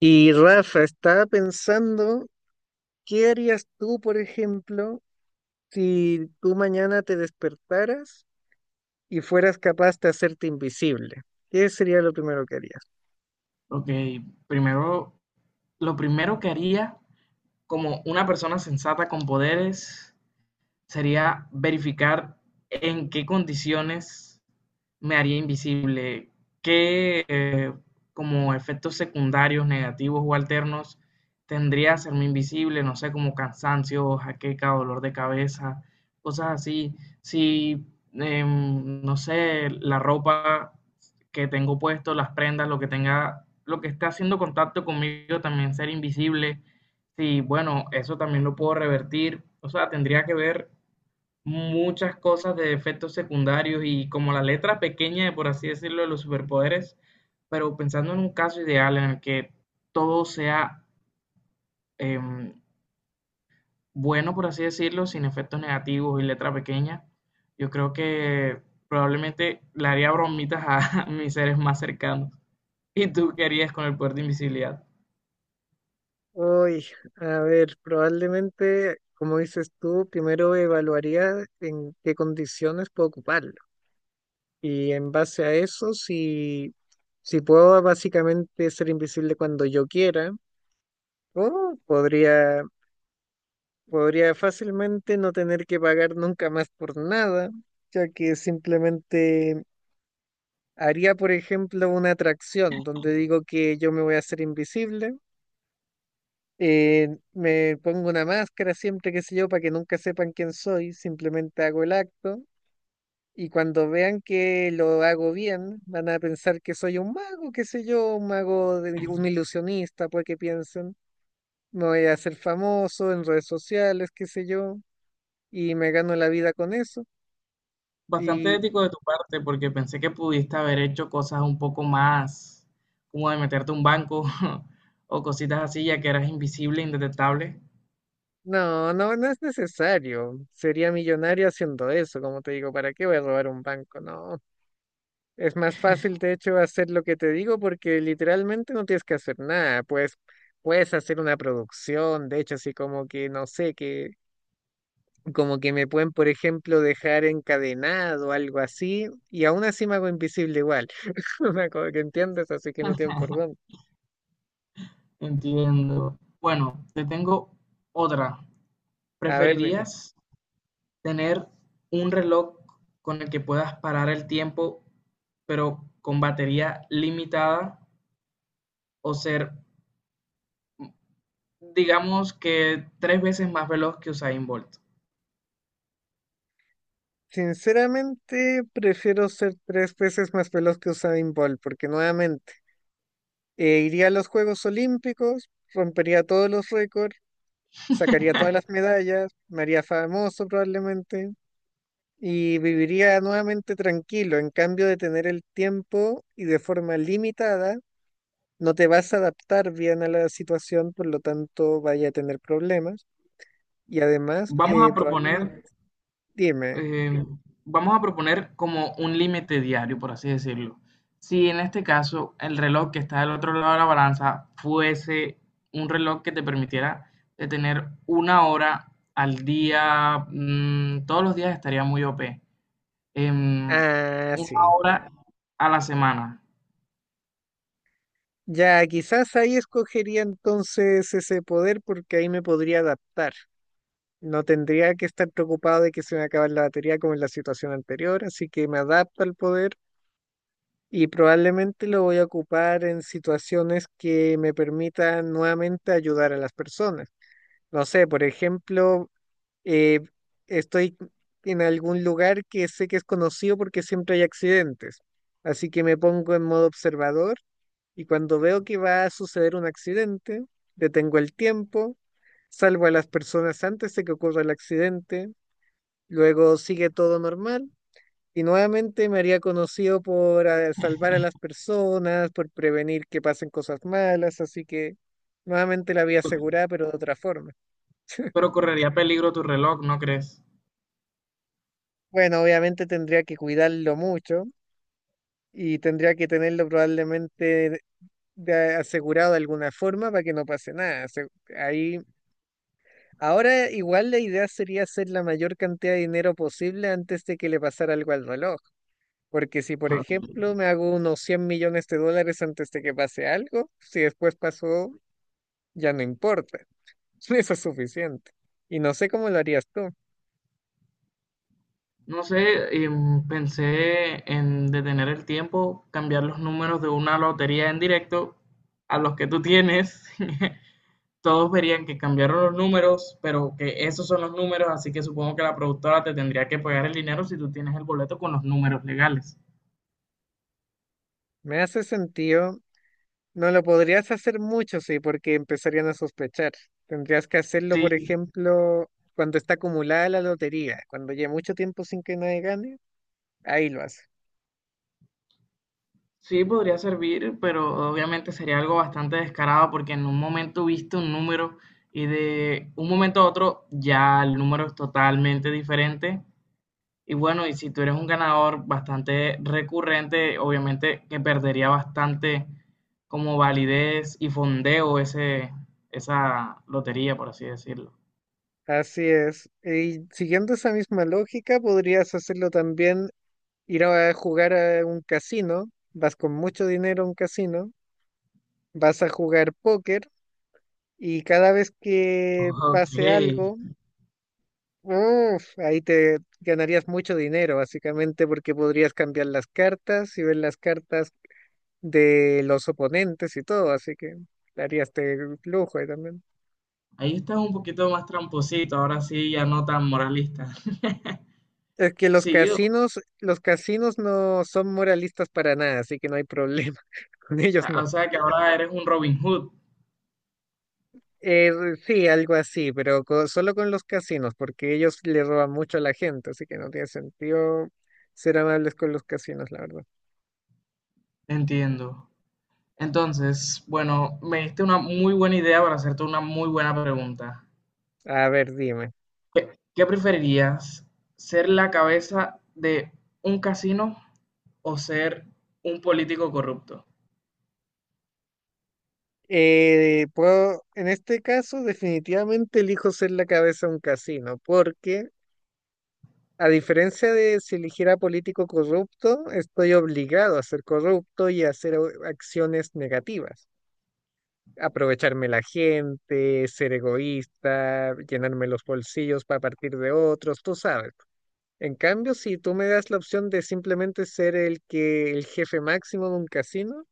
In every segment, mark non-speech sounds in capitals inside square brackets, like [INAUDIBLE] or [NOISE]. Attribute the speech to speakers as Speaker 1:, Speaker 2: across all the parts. Speaker 1: Y Rafa, estaba pensando, ¿qué harías tú, por ejemplo, si tú mañana te despertaras y fueras capaz de hacerte invisible? ¿Qué sería lo primero que harías?
Speaker 2: Ok, primero, lo primero que haría como una persona sensata con poderes sería verificar en qué condiciones me haría invisible. ¿Qué como efectos secundarios, negativos o alternos tendría hacerme invisible? No sé, como cansancio, jaqueca, dolor de cabeza, cosas así. Si, no sé, la ropa que tengo puesto, las prendas, lo que tenga, lo que esté haciendo contacto conmigo también ser invisible. Sí, bueno, eso también lo puedo revertir. O sea, tendría que ver muchas cosas de efectos secundarios y como la letra pequeña, por así decirlo, de los superpoderes, pero pensando en un caso ideal en el que todo sea em, bueno, por así decirlo, sin efectos negativos y letra pequeña, yo creo que probablemente le haría bromitas a [LAUGHS] mis seres más cercanos. ¿Y tú qué harías con el poder de invisibilidad?
Speaker 1: Hoy, a ver, probablemente, como dices tú, primero evaluaría en qué condiciones puedo ocuparlo. Y en base a eso, si puedo básicamente ser invisible cuando yo quiera, o podría fácilmente no tener que pagar nunca más por nada, ya que simplemente haría, por ejemplo, una atracción donde digo que yo me voy a hacer invisible, eh, me pongo una máscara siempre, qué sé yo, para que nunca sepan quién soy, simplemente hago el acto, y cuando vean que lo hago bien, van a pensar que soy un mago, qué sé yo, un mago, un ilusionista, pues que piensen. Me voy a hacer famoso en redes sociales, qué sé yo, y me gano la vida con eso.
Speaker 2: Bastante
Speaker 1: Y
Speaker 2: ético de tu parte, porque pensé que pudiste haber hecho cosas un poco más, como de meterte a un banco [LAUGHS] o cositas así, ya que eras invisible, indetectable.
Speaker 1: no, no, no es necesario. Sería millonario haciendo eso, como te digo. ¿Para qué voy a robar un banco? No. Es más fácil, de hecho, hacer lo que te digo porque literalmente no tienes que hacer nada. Pues puedes hacer una producción, de hecho, así como que, no sé, que como que me pueden, por ejemplo, dejar encadenado o algo así, y aún así me hago invisible igual. [LAUGHS] Una cosa que entiendes, así que no tienen por dónde.
Speaker 2: Entiendo. Bueno, te tengo otra.
Speaker 1: A ver, dime.
Speaker 2: ¿Preferirías tener un reloj con el que puedas parar el tiempo, pero con batería limitada, o ser, digamos que tres veces más veloz que Usain Bolt?
Speaker 1: Sinceramente, prefiero ser tres veces más veloz que Usain Bolt, porque nuevamente iría a los Juegos Olímpicos, rompería todos los récords, sacaría todas las medallas, me haría famoso probablemente y viviría nuevamente tranquilo. En cambio de tener el tiempo y de forma limitada, no te vas a adaptar bien a la situación, por lo tanto vaya a tener problemas. Y además,
Speaker 2: Vamos a proponer
Speaker 1: probablemente, dime,
Speaker 2: eh, vamos a proponer como un límite diario, por así decirlo. Si en este caso el reloj que está del otro lado de la balanza fuese un reloj que te permitiera detener una hora al día, mm, todos los días estaría muy OP. Em,
Speaker 1: ah,
Speaker 2: una
Speaker 1: sí.
Speaker 2: hora a la semana,
Speaker 1: Ya, quizás ahí escogería entonces ese poder porque ahí me podría adaptar. No tendría que estar preocupado de que se me acabe la batería como en la situación anterior, así que me adapto al poder y probablemente lo voy a ocupar en situaciones que me permitan nuevamente ayudar a las personas. No sé, por ejemplo, eh, estoy en algún lugar que sé que es conocido porque siempre hay accidentes. Así que me pongo en modo observador, y cuando veo que va a suceder un accidente, detengo el tiempo, salvo a las personas antes de que ocurra el accidente, luego sigue todo normal y nuevamente me haría conocido por salvar a las personas, por prevenir que pasen cosas malas, así que nuevamente la vía asegurada, pero de otra forma.
Speaker 2: pero correría peligro tu reloj, ¿no crees?
Speaker 1: Bueno, obviamente tendría que cuidarlo mucho y tendría que tenerlo probablemente asegurado de alguna forma para que no pase nada. Ahí, ahora igual la idea sería hacer la mayor cantidad de dinero posible antes de que le pasara algo al reloj. Porque si, por
Speaker 2: [LAUGHS]
Speaker 1: ejemplo, me hago unos $100 millones antes de que pase algo, si después pasó, ya no importa. [LAUGHS] Eso es suficiente. Y no sé cómo lo harías tú.
Speaker 2: No sé, pensé en detener el tiempo, cambiar los números de una lotería en directo a los que tú tienes. [LAUGHS] Todos verían que cambiaron los números, pero que esos son los números, así que supongo que la productora te tendría que pagar el dinero si tú tienes el boleto con los números legales.
Speaker 1: Me hace sentido. No lo podrías hacer mucho, sí, porque empezarían a sospechar. Tendrías que hacerlo, por
Speaker 2: Sí,
Speaker 1: ejemplo, cuando está acumulada la lotería, cuando ya mucho tiempo sin que nadie gane, ahí lo haces.
Speaker 2: sí podría servir, pero obviamente sería algo bastante descarado porque en un momento viste un número y de un momento a otro ya el número es totalmente diferente. Y bueno, y si tú eres un ganador bastante recurrente, obviamente que perdería bastante como validez y fondeo esa lotería, por así decirlo.
Speaker 1: Así es. Y siguiendo esa misma lógica, podrías hacerlo también, ir a jugar a un casino, vas con mucho dinero a un casino, vas a jugar póker y cada vez que
Speaker 2: Ok,
Speaker 1: pase algo, uf, ahí te ganarías mucho dinero, básicamente, porque podrías cambiar las cartas y ver las cartas de los oponentes y todo, así que le harías de lujo ahí también.
Speaker 2: ahí estás un poquito más tramposito, ahora sí ya no tan moralista. [LAUGHS]
Speaker 1: Es que
Speaker 2: Sí, o
Speaker 1: los casinos no son moralistas para nada, así que no hay problema. [LAUGHS] Con ellos
Speaker 2: sea, o
Speaker 1: no.
Speaker 2: sea que ahora eres un Robin Hood,
Speaker 1: Eh, sí, algo así, pero solo con los casinos, porque ellos le roban mucho a la gente, así que no tiene sentido ser amables con los casinos, la verdad.
Speaker 2: entiendo. Entonces, bueno, me diste una muy buena idea para hacerte una muy buena pregunta.
Speaker 1: A ver, dime.
Speaker 2: ¿Qué preferirías? ¿Ser la cabeza de un casino o ser un político corrupto?
Speaker 1: Puedo, en este caso, definitivamente elijo ser la cabeza de un casino, porque a diferencia de si eligiera político corrupto, estoy obligado a ser corrupto y a hacer acciones negativas. Aprovecharme la gente, ser egoísta, llenarme los bolsillos para partir de otros, tú sabes. En cambio, si tú me das la opción de simplemente ser el que, el jefe máximo de un casino,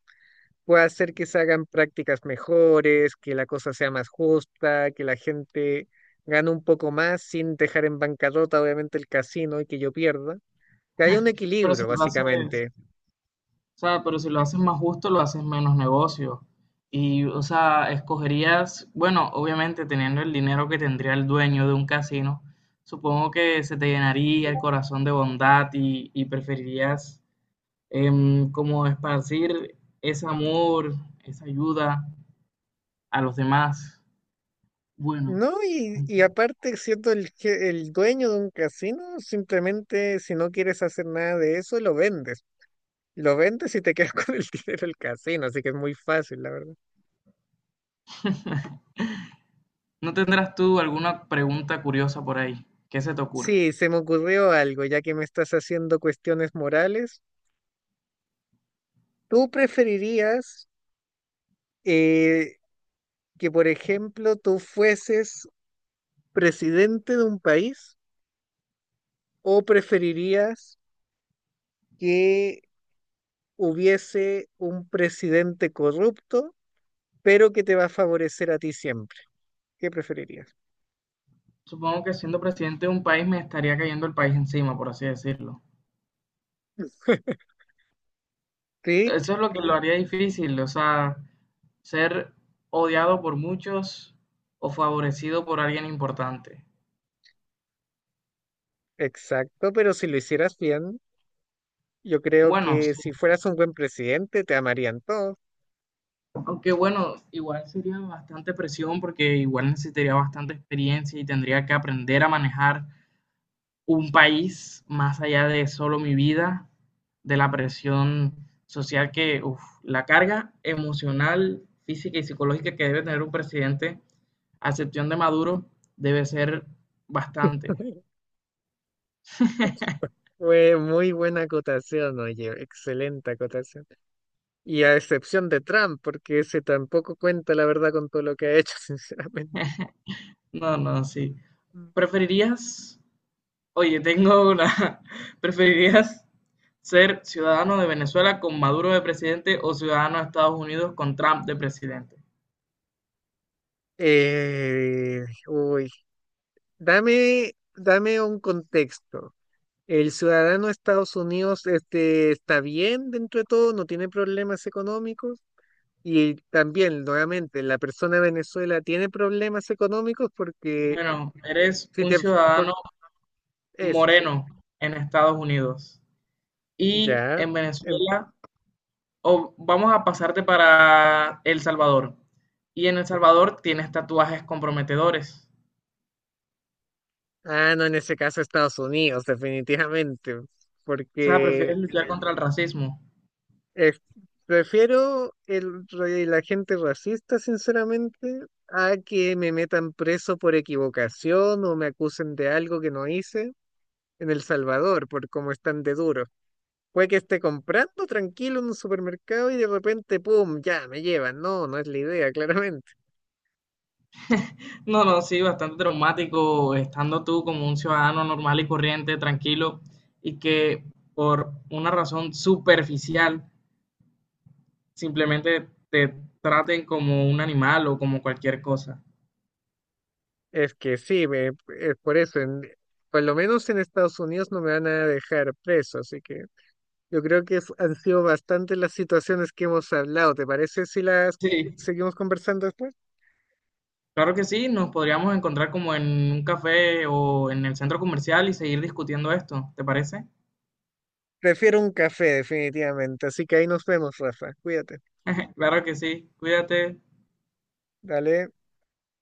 Speaker 1: pueda hacer que se hagan prácticas mejores, que la cosa sea más justa, que la gente gane un poco más sin dejar en bancarrota obviamente el casino y que yo pierda. Que haya un
Speaker 2: Pero si
Speaker 1: equilibrio,
Speaker 2: lo haces,
Speaker 1: básicamente.
Speaker 2: o sea, pero si lo haces más justo, lo haces menos negocio. Y, o sea, escogerías, bueno, obviamente teniendo el dinero que tendría el dueño de un casino, supongo que se te llenaría el corazón de bondad y preferirías como esparcir ese amor, esa ayuda a los demás. Bueno.
Speaker 1: No, y aparte, siendo el, el dueño de un casino, simplemente si no quieres hacer nada de eso, lo vendes. Lo vendes y te quedas [LAUGHS] con el dinero del casino, así que es muy fácil, la verdad.
Speaker 2: ¿No tendrás tú alguna pregunta curiosa por ahí? ¿Qué se te ocurre?
Speaker 1: Sí, se me ocurrió algo, ya que me estás haciendo cuestiones morales. ¿Tú preferirías eh, que, por ejemplo, tú fueses presidente de un país, o preferirías que hubiese un presidente corrupto, pero que te va a favorecer a ti siempre? ¿Qué preferirías?
Speaker 2: Supongo que siendo presidente de un país me estaría cayendo el país encima, por así decirlo.
Speaker 1: Sí,
Speaker 2: Eso es lo que lo haría difícil, o sea, ser odiado por muchos o favorecido por alguien importante.
Speaker 1: exacto, pero si lo hicieras bien, yo creo
Speaker 2: Bueno,
Speaker 1: que
Speaker 2: sí,
Speaker 1: si fueras un buen presidente, te amarían todos.
Speaker 2: aunque bueno, igual sería bastante presión porque igual necesitaría bastante experiencia y tendría que aprender a manejar un país más allá de solo mi vida, de la presión social que, uf, la carga emocional, física y psicológica que debe tener un presidente, a excepción de Maduro, debe ser bastante.
Speaker 1: [LAUGHS]
Speaker 2: [LAUGHS]
Speaker 1: Fue muy buena acotación, oye, excelente acotación. Y a excepción de Trump, porque ese tampoco cuenta la verdad con todo lo que ha hecho, [LAUGHS] sinceramente.
Speaker 2: No, no, sí. ¿Preferirías, oye, tengo una, [LAUGHS] ¿preferirías ser ciudadano de Venezuela con Maduro de presidente o ciudadano de Estados Unidos con Trump de presidente?
Speaker 1: Uy, dame un contexto. ¿El ciudadano de Estados Unidos este, está bien dentro de todo? ¿No tiene problemas económicos? Y también, nuevamente, la persona de Venezuela tiene problemas económicos porque
Speaker 2: Bueno, eres
Speaker 1: si
Speaker 2: un
Speaker 1: te... por-
Speaker 2: ciudadano
Speaker 1: eso, sí.
Speaker 2: Moreno en Estados Unidos y
Speaker 1: Ya.
Speaker 2: en
Speaker 1: em-
Speaker 2: Venezuela, o vamos a pasarte para El Salvador. Y en El Salvador tienes tatuajes comprometedores.
Speaker 1: ah, no, en ese caso Estados Unidos, definitivamente.
Speaker 2: O sea,
Speaker 1: Porque
Speaker 2: prefieres luchar contra el racismo.
Speaker 1: Eh, prefiero la gente racista, sinceramente, a que me metan preso por equivocación o me acusen de algo que no hice en El Salvador, por cómo están de duro. Puede que esté comprando tranquilo en un supermercado y de repente, ¡pum!, ya me llevan. No, no es la idea, [LAUGHS] claramente.
Speaker 2: No, no, sí, bastante traumático estando tú como un ciudadano normal y corriente, tranquilo, y que por una razón superficial simplemente te traten como un animal o como cualquier cosa.
Speaker 1: Es que sí, es por eso. Por lo menos en Estados Unidos no me van a dejar preso, así que yo creo que han sido bastante las situaciones que hemos hablado. ¿Te parece si las
Speaker 2: Sí.
Speaker 1: seguimos conversando después?
Speaker 2: Claro que sí, nos podríamos encontrar como en un café o en el centro comercial y seguir discutiendo esto, ¿te parece?
Speaker 1: Prefiero un café, definitivamente. Así que ahí nos vemos, Rafa. Cuídate.
Speaker 2: [LAUGHS] Claro que sí, cuídate.
Speaker 1: Dale.